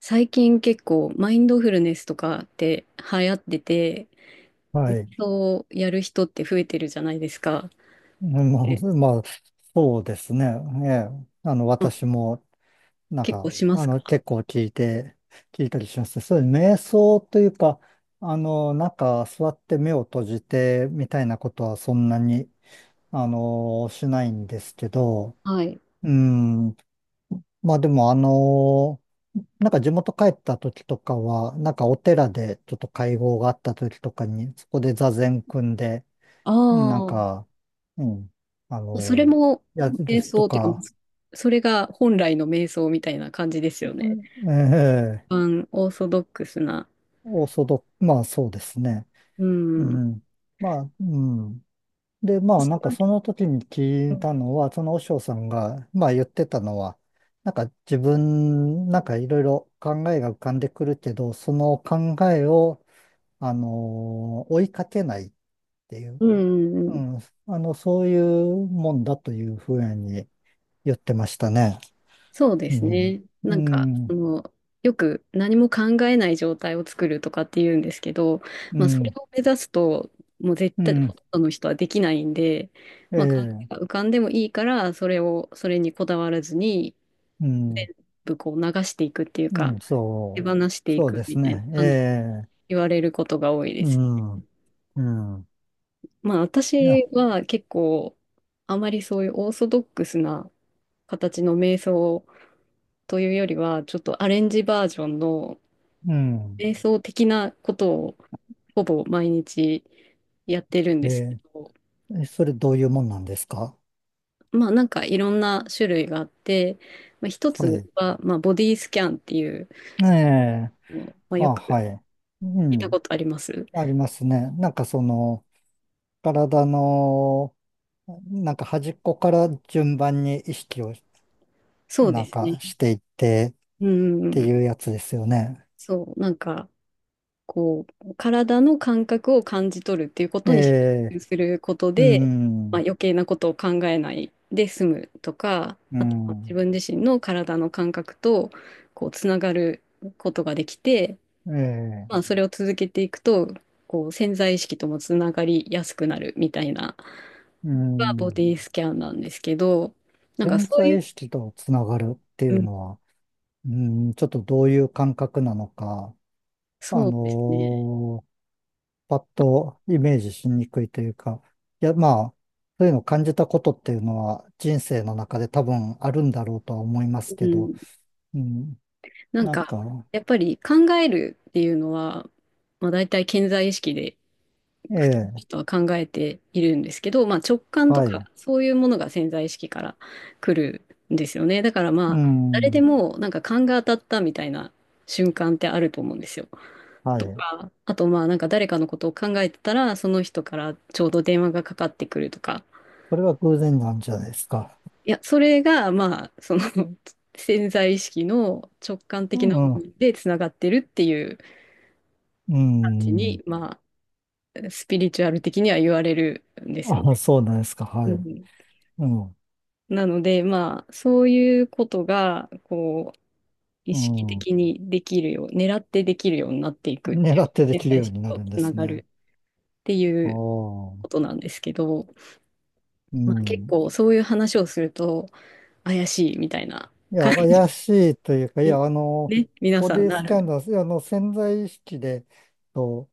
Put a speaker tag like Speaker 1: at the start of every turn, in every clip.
Speaker 1: 最近結構マインドフルネスとかって流行ってて、
Speaker 2: は
Speaker 1: 瞑
Speaker 2: い。
Speaker 1: 想をやる人って増えてるじゃないですか。
Speaker 2: ま
Speaker 1: え
Speaker 2: あ、まあ、そうですね。ええ。
Speaker 1: うん。
Speaker 2: 私も、なん
Speaker 1: 結構
Speaker 2: か、
Speaker 1: しますか？
Speaker 2: 結構聞いて、聞いたりします。そういう瞑想というか、なんか、座って目を閉じて、みたいなことはそんなに、しないんですけど、
Speaker 1: はい。
Speaker 2: うん。まあ、でも、なんか地元帰った時とかは、なんかお寺でちょっと会合があった時とかに、そこで座禅組んで、なん
Speaker 1: あ
Speaker 2: か、うん、あ
Speaker 1: あ、それ
Speaker 2: の、
Speaker 1: も
Speaker 2: 矢
Speaker 1: 瞑
Speaker 2: 印と
Speaker 1: 想っていうか、
Speaker 2: か、
Speaker 1: それが本来の瞑想みたいな感じですよね。
Speaker 2: うん、ええ、
Speaker 1: 一般オーソドックスな。
Speaker 2: オーソドック、まあそうですね。
Speaker 1: う
Speaker 2: う
Speaker 1: ん。うん
Speaker 2: ん。まあ、うん。で、まあなんかその時に聞いたのは、その和尚さんが、まあ言ってたのは、なんか自分、なんかいろいろ考えが浮かんでくるけど、その考えを、追いかけないっていう、
Speaker 1: うん
Speaker 2: う
Speaker 1: うん。
Speaker 2: ん、そういうもんだというふうに言ってましたね。
Speaker 1: そうで
Speaker 2: う
Speaker 1: す
Speaker 2: ん、
Speaker 1: ね。なんか、そ
Speaker 2: う
Speaker 1: の、よく何も考えない状態を作るとかって言うんですけど、まあ、それ
Speaker 2: ん、
Speaker 1: を目指すと、もう絶
Speaker 2: う
Speaker 1: 対、ほ
Speaker 2: ん、
Speaker 1: とんどの人はできないんで、
Speaker 2: え
Speaker 1: まあ、考
Speaker 2: え、
Speaker 1: えが浮かんでもいいから、それにこだわらずに、
Speaker 2: うん、
Speaker 1: こう流していくっていう
Speaker 2: う
Speaker 1: か、
Speaker 2: ん、
Speaker 1: 手
Speaker 2: そ
Speaker 1: 放
Speaker 2: う、
Speaker 1: してい
Speaker 2: そう
Speaker 1: く
Speaker 2: で
Speaker 1: み
Speaker 2: す
Speaker 1: たいな
Speaker 2: ね、え
Speaker 1: 感じで
Speaker 2: え、
Speaker 1: 言われることが多いで
Speaker 2: う
Speaker 1: す。
Speaker 2: ん、うん、
Speaker 1: まあ、
Speaker 2: いや、
Speaker 1: 私は結構、あまりそういうオーソドックスな形の瞑想というよりは、ちょっとアレンジバージョンの、
Speaker 2: うん、
Speaker 1: 瞑想的なことをほぼ毎日やってるん
Speaker 2: え
Speaker 1: ですけ
Speaker 2: え、
Speaker 1: ど、
Speaker 2: え、それどういうもんなんですか？
Speaker 1: まあなんかいろんな種類があって、まあ、一
Speaker 2: は
Speaker 1: つ
Speaker 2: い。
Speaker 1: は、まあ、ボディスキャンっていう、
Speaker 2: ええ、
Speaker 1: まあ、
Speaker 2: あ、
Speaker 1: よく
Speaker 2: はい。う
Speaker 1: 聞いた
Speaker 2: ん、
Speaker 1: ことあります。
Speaker 2: ありますね。なんかその、体の、なんか端っこから順番に意識を、
Speaker 1: そう
Speaker 2: な
Speaker 1: で
Speaker 2: ん
Speaker 1: す
Speaker 2: か
Speaker 1: ね。
Speaker 2: していってっ
Speaker 1: うんうん
Speaker 2: て
Speaker 1: うん。
Speaker 2: いうやつですよね。
Speaker 1: そう、なんかこう、体の感覚を感じ取るっていうこ
Speaker 2: え
Speaker 1: とに集中
Speaker 2: え、
Speaker 1: すること
Speaker 2: う
Speaker 1: で、まあ、
Speaker 2: ん、
Speaker 1: 余計なことを考えないで済むとか、
Speaker 2: う
Speaker 1: あとは自
Speaker 2: ん。
Speaker 1: 分自身の体の感覚とこうつながることができて、
Speaker 2: ええ、
Speaker 1: まあ、それを続けていくと、こう潜在意識ともつながりやすくなるみたいな、
Speaker 2: う
Speaker 1: がボデ
Speaker 2: ん。
Speaker 1: ィスキャンなんですけど、なんか
Speaker 2: 潜
Speaker 1: そうい
Speaker 2: 在
Speaker 1: う、
Speaker 2: 意識とつながるってい
Speaker 1: う
Speaker 2: う
Speaker 1: ん、
Speaker 2: のは、うん、ちょっとどういう感覚なのか、あ
Speaker 1: そうですね。
Speaker 2: のーパッとイメージしにくいというか、いや、まあ、そういうのを感じたことっていうのは人生の中で多分あるんだろうとは思います
Speaker 1: う
Speaker 2: けど、
Speaker 1: ん。
Speaker 2: うん、
Speaker 1: なん
Speaker 2: なん
Speaker 1: か、
Speaker 2: か、
Speaker 1: やっぱり考えるっていうのは、まあ、大体潜在意識で
Speaker 2: え
Speaker 1: 普通の
Speaker 2: え、
Speaker 1: 人は考えているんですけど、まあ、直感と
Speaker 2: はい、
Speaker 1: かそういうものが潜在意識から来るんですよね。だから
Speaker 2: う
Speaker 1: まあ、誰で
Speaker 2: ん、
Speaker 1: もなんか勘が当たったみたいな瞬間ってあると思うんですよ。
Speaker 2: は
Speaker 1: と
Speaker 2: い。
Speaker 1: か、あとまあなんか誰かのことを考えてたら、その人からちょうど電話がかかってくるとか。
Speaker 2: それは偶然なんじゃないですか？
Speaker 1: いや、それがまあ、その 潜在意識の直感
Speaker 2: う
Speaker 1: 的な部
Speaker 2: ん、
Speaker 1: 分でつながってるっていう。
Speaker 2: うん。
Speaker 1: まあ、スピリチュアル的には言われるんですよ
Speaker 2: あ、
Speaker 1: ね。
Speaker 2: そうなんですか。は
Speaker 1: う
Speaker 2: い。
Speaker 1: ん、
Speaker 2: うん、
Speaker 1: なので、まあ、そういうことが、こう、意
Speaker 2: う
Speaker 1: 識
Speaker 2: ん。
Speaker 1: 的にできるよう、狙ってできるようになっていくって
Speaker 2: 狙
Speaker 1: いう、
Speaker 2: ってで
Speaker 1: 潜
Speaker 2: きる
Speaker 1: 在意
Speaker 2: よう
Speaker 1: 識
Speaker 2: になる
Speaker 1: と
Speaker 2: んで
Speaker 1: つな
Speaker 2: す
Speaker 1: が
Speaker 2: ね。
Speaker 1: るってい
Speaker 2: あ
Speaker 1: うこ
Speaker 2: あ、
Speaker 1: となんですけど、
Speaker 2: う
Speaker 1: まあ、結
Speaker 2: ん。
Speaker 1: 構そういう話をすると、怪しいみたいな
Speaker 2: い
Speaker 1: 感
Speaker 2: や、
Speaker 1: じ
Speaker 2: 怪しいというか、い
Speaker 1: に、
Speaker 2: や、
Speaker 1: ね、皆
Speaker 2: ボ
Speaker 1: さん
Speaker 2: ディ
Speaker 1: な
Speaker 2: スキャン
Speaker 1: る。
Speaker 2: ダル、潜在意識で、と、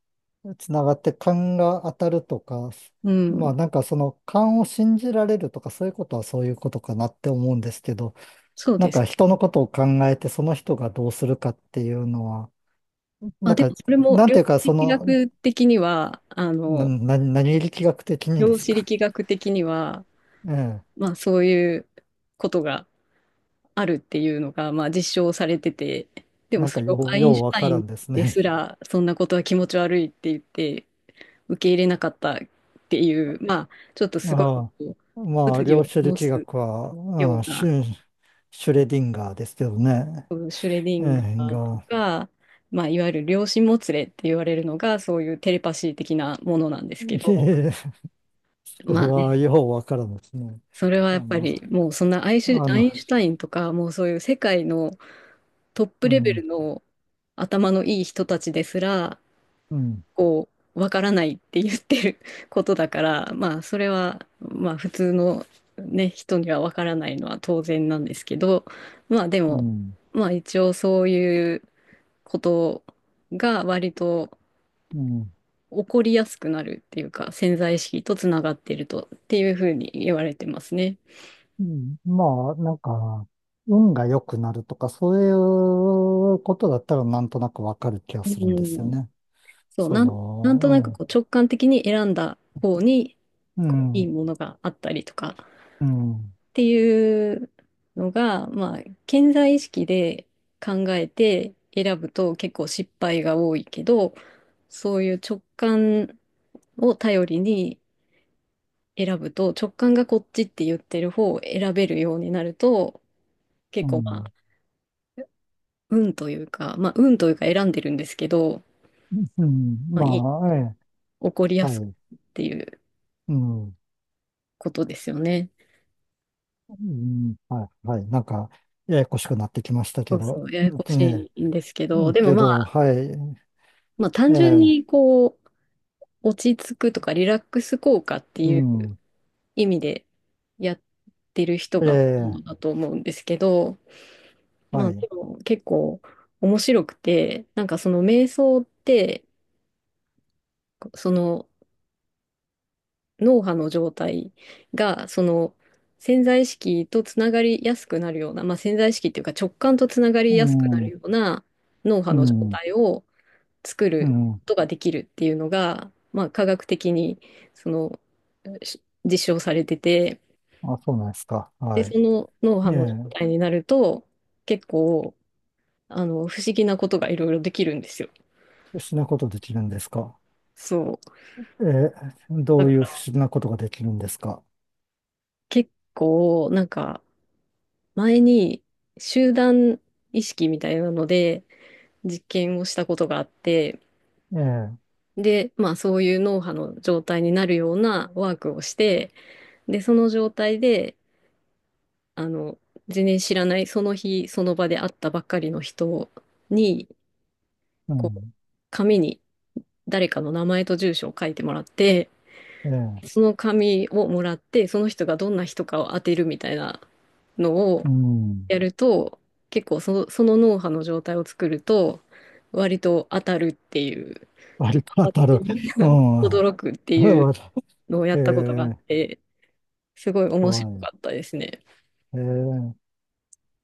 Speaker 2: つながって勘が当たるとか、
Speaker 1: う
Speaker 2: まあ、
Speaker 1: ん、
Speaker 2: なんかその勘を信じられるとか、そういうことはそういうことかなって思うんですけど、
Speaker 1: そう
Speaker 2: な
Speaker 1: で
Speaker 2: ん
Speaker 1: す。
Speaker 2: か人のことを考えて、その人がどうするかっていうのは、
Speaker 1: ま
Speaker 2: な
Speaker 1: あ、
Speaker 2: ん
Speaker 1: で
Speaker 2: か、
Speaker 1: も、それも
Speaker 2: なん
Speaker 1: 量
Speaker 2: てい
Speaker 1: 子
Speaker 2: うか、そ
Speaker 1: 力
Speaker 2: の、
Speaker 1: 学的には、あ
Speaker 2: な、
Speaker 1: の、
Speaker 2: な、何力学的にで
Speaker 1: 量
Speaker 2: す
Speaker 1: 子
Speaker 2: か？
Speaker 1: 力学的には、
Speaker 2: ええ、
Speaker 1: まあそういうことがあるっていうのが、まあ実証されてて、でも
Speaker 2: なん
Speaker 1: そ
Speaker 2: か
Speaker 1: れを
Speaker 2: よ
Speaker 1: ア
Speaker 2: う、
Speaker 1: イン
Speaker 2: よ
Speaker 1: シ
Speaker 2: う
Speaker 1: ュ
Speaker 2: わ
Speaker 1: タ
Speaker 2: か
Speaker 1: イ
Speaker 2: ら
Speaker 1: ン
Speaker 2: んです
Speaker 1: で
Speaker 2: ね。
Speaker 1: すら、そんなことは気持ち悪いって言って受け入れなかったっていう、まあちょっとすごいこ
Speaker 2: あ
Speaker 1: う
Speaker 2: あ、まあ、
Speaker 1: 物議
Speaker 2: 量
Speaker 1: を
Speaker 2: 子
Speaker 1: 醸
Speaker 2: 力
Speaker 1: す
Speaker 2: 学は、う
Speaker 1: よ
Speaker 2: ん、
Speaker 1: う
Speaker 2: シ
Speaker 1: な、
Speaker 2: ュ、シュレディンガーですけどね。
Speaker 1: うんシュレディ
Speaker 2: え
Speaker 1: ンガ
Speaker 2: え、
Speaker 1: ーと
Speaker 2: が、
Speaker 1: か、まあいわゆる量子もつれって言われるのが、そういうテレパシー的なものなんですけど、
Speaker 2: それ
Speaker 1: まあ
Speaker 2: は
Speaker 1: ね、
Speaker 2: ようわからんですね。
Speaker 1: それはや
Speaker 2: あ
Speaker 1: っぱ
Speaker 2: の、
Speaker 1: りもうそんな
Speaker 2: あ
Speaker 1: ア
Speaker 2: の、
Speaker 1: インシュタインとか、もうそういう世界のトップ
Speaker 2: う
Speaker 1: レベル
Speaker 2: ん、
Speaker 1: の頭のいい人たちですら、
Speaker 2: うん、
Speaker 1: こう、わからないって言ってる ことだから、まあ、それは、まあ、普通のね、人にはわからないのは当然なんですけど、まあ、で
Speaker 2: う
Speaker 1: も、
Speaker 2: ん、
Speaker 1: まあ、一応そういうことが割と
Speaker 2: うん、
Speaker 1: 起こりやすくなるっていうか、潜在意識とつながっているとっていうふうに言われてますね。
Speaker 2: うんまあ、なんか、運が良くなるとか、そういうことだったらなんとなくわかる気が
Speaker 1: う
Speaker 2: するんですよ
Speaker 1: ん。
Speaker 2: ね。
Speaker 1: そう、
Speaker 2: そ
Speaker 1: なんとなく
Speaker 2: の、
Speaker 1: こう直感的に選んだ方に
Speaker 2: う
Speaker 1: こう
Speaker 2: ん、う
Speaker 1: いい
Speaker 2: ん、
Speaker 1: ものがあったりとか
Speaker 2: うん、
Speaker 1: っていうのが、まあ、潜在意識で考えて選ぶと結構失敗が多いけど、そういう直感を頼りに選ぶと、直感がこっちって言ってる方を選べるようになると、
Speaker 2: う
Speaker 1: 結構まあ、
Speaker 2: ん、
Speaker 1: 運というか、まあ、運というか選んでるんですけど、
Speaker 2: うん
Speaker 1: まあ、いい、
Speaker 2: まあ、ええ、
Speaker 1: 起こりや
Speaker 2: は
Speaker 1: す
Speaker 2: い、
Speaker 1: いっていう
Speaker 2: うん。
Speaker 1: ことですよね。
Speaker 2: うん、はい、はい。なんか、ややこしくなってきました
Speaker 1: そ
Speaker 2: け
Speaker 1: うそ
Speaker 2: ど、
Speaker 1: う、ややこしいんですけ
Speaker 2: う
Speaker 1: ど、
Speaker 2: ん
Speaker 1: でも
Speaker 2: け
Speaker 1: ま
Speaker 2: ど、
Speaker 1: あ、
Speaker 2: はい、
Speaker 1: まあ単純
Speaker 2: え
Speaker 1: に
Speaker 2: え、
Speaker 1: こう、落ち着くとかリラックス効果って
Speaker 2: う
Speaker 1: いう
Speaker 2: ん、
Speaker 1: 意味でやってる人が多い
Speaker 2: え
Speaker 1: のだ
Speaker 2: え、
Speaker 1: と思うんですけど、ま
Speaker 2: は
Speaker 1: あで
Speaker 2: い、
Speaker 1: も結構面白くて、なんかその瞑想って、その脳波の状態が、その潜在意識とつながりやすくなるような、まあ潜在意識っていうか直感とつながり
Speaker 2: う
Speaker 1: やすくなる
Speaker 2: ん、
Speaker 1: ような脳波
Speaker 2: う
Speaker 1: の状
Speaker 2: ん、
Speaker 1: 態を、作
Speaker 2: う
Speaker 1: る
Speaker 2: ん、
Speaker 1: ことができるっていうのが、まあ、科学的にその実証されてて、
Speaker 2: あ、そうなんですか。
Speaker 1: で、
Speaker 2: は
Speaker 1: そ
Speaker 2: い。
Speaker 1: の脳波の状
Speaker 2: え
Speaker 1: 態になると、結構、あの、不思議なことがいろいろできるんですよ。
Speaker 2: え、不思議なことできるんですか？
Speaker 1: そ
Speaker 2: ええ、ど
Speaker 1: う。だ
Speaker 2: うい
Speaker 1: か
Speaker 2: う不
Speaker 1: ら
Speaker 2: 思議なことができるんですか？
Speaker 1: 結構、なんか、前に集団意識みたいなので実験をしたことがあって、
Speaker 2: ええ、
Speaker 1: で、まあそういう脳波の状態になるようなワークをして、で、その状態で、あの、全然知らない、その日、その場で会ったばっかりの人に、
Speaker 2: う
Speaker 1: こう、
Speaker 2: ん、
Speaker 1: 紙に誰かの名前と住所を書いてもらって、
Speaker 2: ええ、
Speaker 1: その紙をもらって、その人がどんな人かを当てるみたいなのを
Speaker 2: うん、
Speaker 1: やると、結構その、その脳波の状態を作ると、割と当たるっていう、で
Speaker 2: 割と当
Speaker 1: 当たっ
Speaker 2: たる。
Speaker 1: てみん
Speaker 2: うん、
Speaker 1: な 驚くって
Speaker 2: え
Speaker 1: いう
Speaker 2: ー、
Speaker 1: のをやったことがあって、すごい
Speaker 2: は
Speaker 1: 面白
Speaker 2: い。
Speaker 1: かったですね。
Speaker 2: ええ、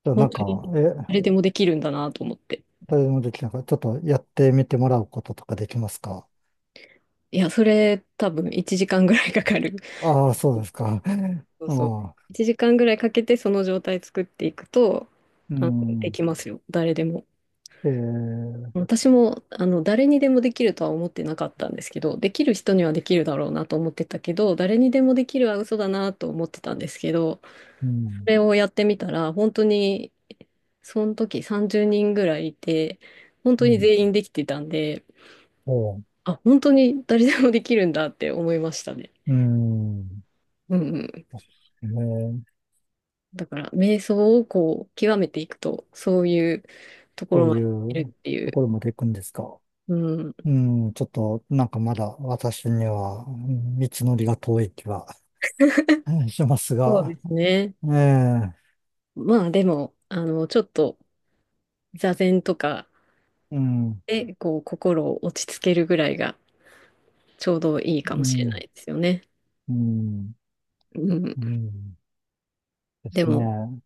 Speaker 2: じゃあ
Speaker 1: 本
Speaker 2: なんか、
Speaker 1: 当に
Speaker 2: え、
Speaker 1: 誰でもできるんだなと思って。
Speaker 2: 誰でもできなかった。ちょっとやってみてもらうこととかできますか？
Speaker 1: いや、それ多分1時間ぐらい かかる。
Speaker 2: ああ、そうですか。
Speaker 1: そ う
Speaker 2: あ
Speaker 1: そう。
Speaker 2: あ、
Speaker 1: 1時間ぐらいかけてその状態作っていくと、
Speaker 2: う
Speaker 1: あの、で
Speaker 2: ん。
Speaker 1: きますよ。誰でも。
Speaker 2: えー、
Speaker 1: 私も、あの、誰にでもできるとは思ってなかったんですけど、できる人にはできるだろうなと思ってたけど、誰にでもできるは嘘だなと思ってたんですけど、
Speaker 2: う
Speaker 1: そ
Speaker 2: ん。
Speaker 1: れをやってみたら、本当に、その時30人ぐらいいて、本
Speaker 2: う
Speaker 1: 当に
Speaker 2: ん。
Speaker 1: 全員できてたんで、
Speaker 2: おう、
Speaker 1: あ、本当に誰でもできるんだって思いましたね。
Speaker 2: うん。
Speaker 1: うんうん。
Speaker 2: えー、
Speaker 1: だから、瞑想をこう、極めていくと、そういうとこ
Speaker 2: そ
Speaker 1: ろ
Speaker 2: う
Speaker 1: ま
Speaker 2: い
Speaker 1: でいるっ
Speaker 2: う
Speaker 1: てい
Speaker 2: と
Speaker 1: う。
Speaker 2: ころまで行くんですか？
Speaker 1: うん。
Speaker 2: うん。ちょっと、なんかまだ私には、うん道のりが遠い気はうんします
Speaker 1: そうで
Speaker 2: が、
Speaker 1: すね。
Speaker 2: ええ、
Speaker 1: まあ、でも、あの、ちょっと、座禅とか
Speaker 2: うん。
Speaker 1: で、こう、心を落ち着けるぐらいが、ちょうどいい
Speaker 2: う
Speaker 1: かもしれない
Speaker 2: ん。
Speaker 1: ですよね。
Speaker 2: うん。
Speaker 1: うん。
Speaker 2: うん。で
Speaker 1: で
Speaker 2: す
Speaker 1: も、
Speaker 2: ね。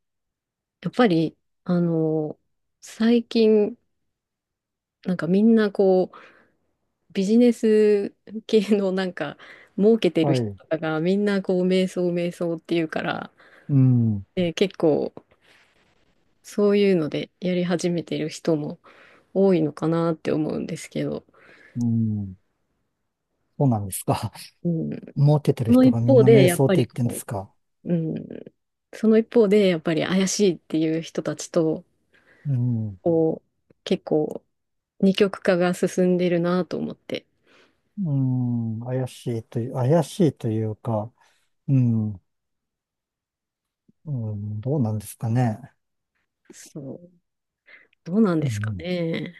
Speaker 1: やっぱり、あの、最近、なんかみんなこう、ビジネス系のなんか、儲けてる
Speaker 2: は
Speaker 1: 人
Speaker 2: い。
Speaker 1: とかが、みんなこう、瞑想、瞑想っていうから、
Speaker 2: うん。
Speaker 1: で、結構、そういうのでやり始めてる人も多いのかなって思うんですけど、
Speaker 2: うん。そうなんですか。
Speaker 1: うん、
Speaker 2: 儲けてる
Speaker 1: その
Speaker 2: 人
Speaker 1: 一
Speaker 2: がみん
Speaker 1: 方
Speaker 2: な
Speaker 1: で
Speaker 2: 瞑
Speaker 1: やっ
Speaker 2: 想っ
Speaker 1: ぱ
Speaker 2: て
Speaker 1: り
Speaker 2: 言ってんで
Speaker 1: こ
Speaker 2: すか？
Speaker 1: う、うん、その一方でやっぱり怪しいっていう人たちと
Speaker 2: うん。
Speaker 1: こう結構二極化が進んでるなと思って、
Speaker 2: うん。怪しいというか、うん。うん。どうなんですかね。
Speaker 1: そう、どうなん
Speaker 2: う
Speaker 1: ですか
Speaker 2: ん。
Speaker 1: ね。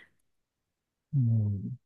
Speaker 2: うん。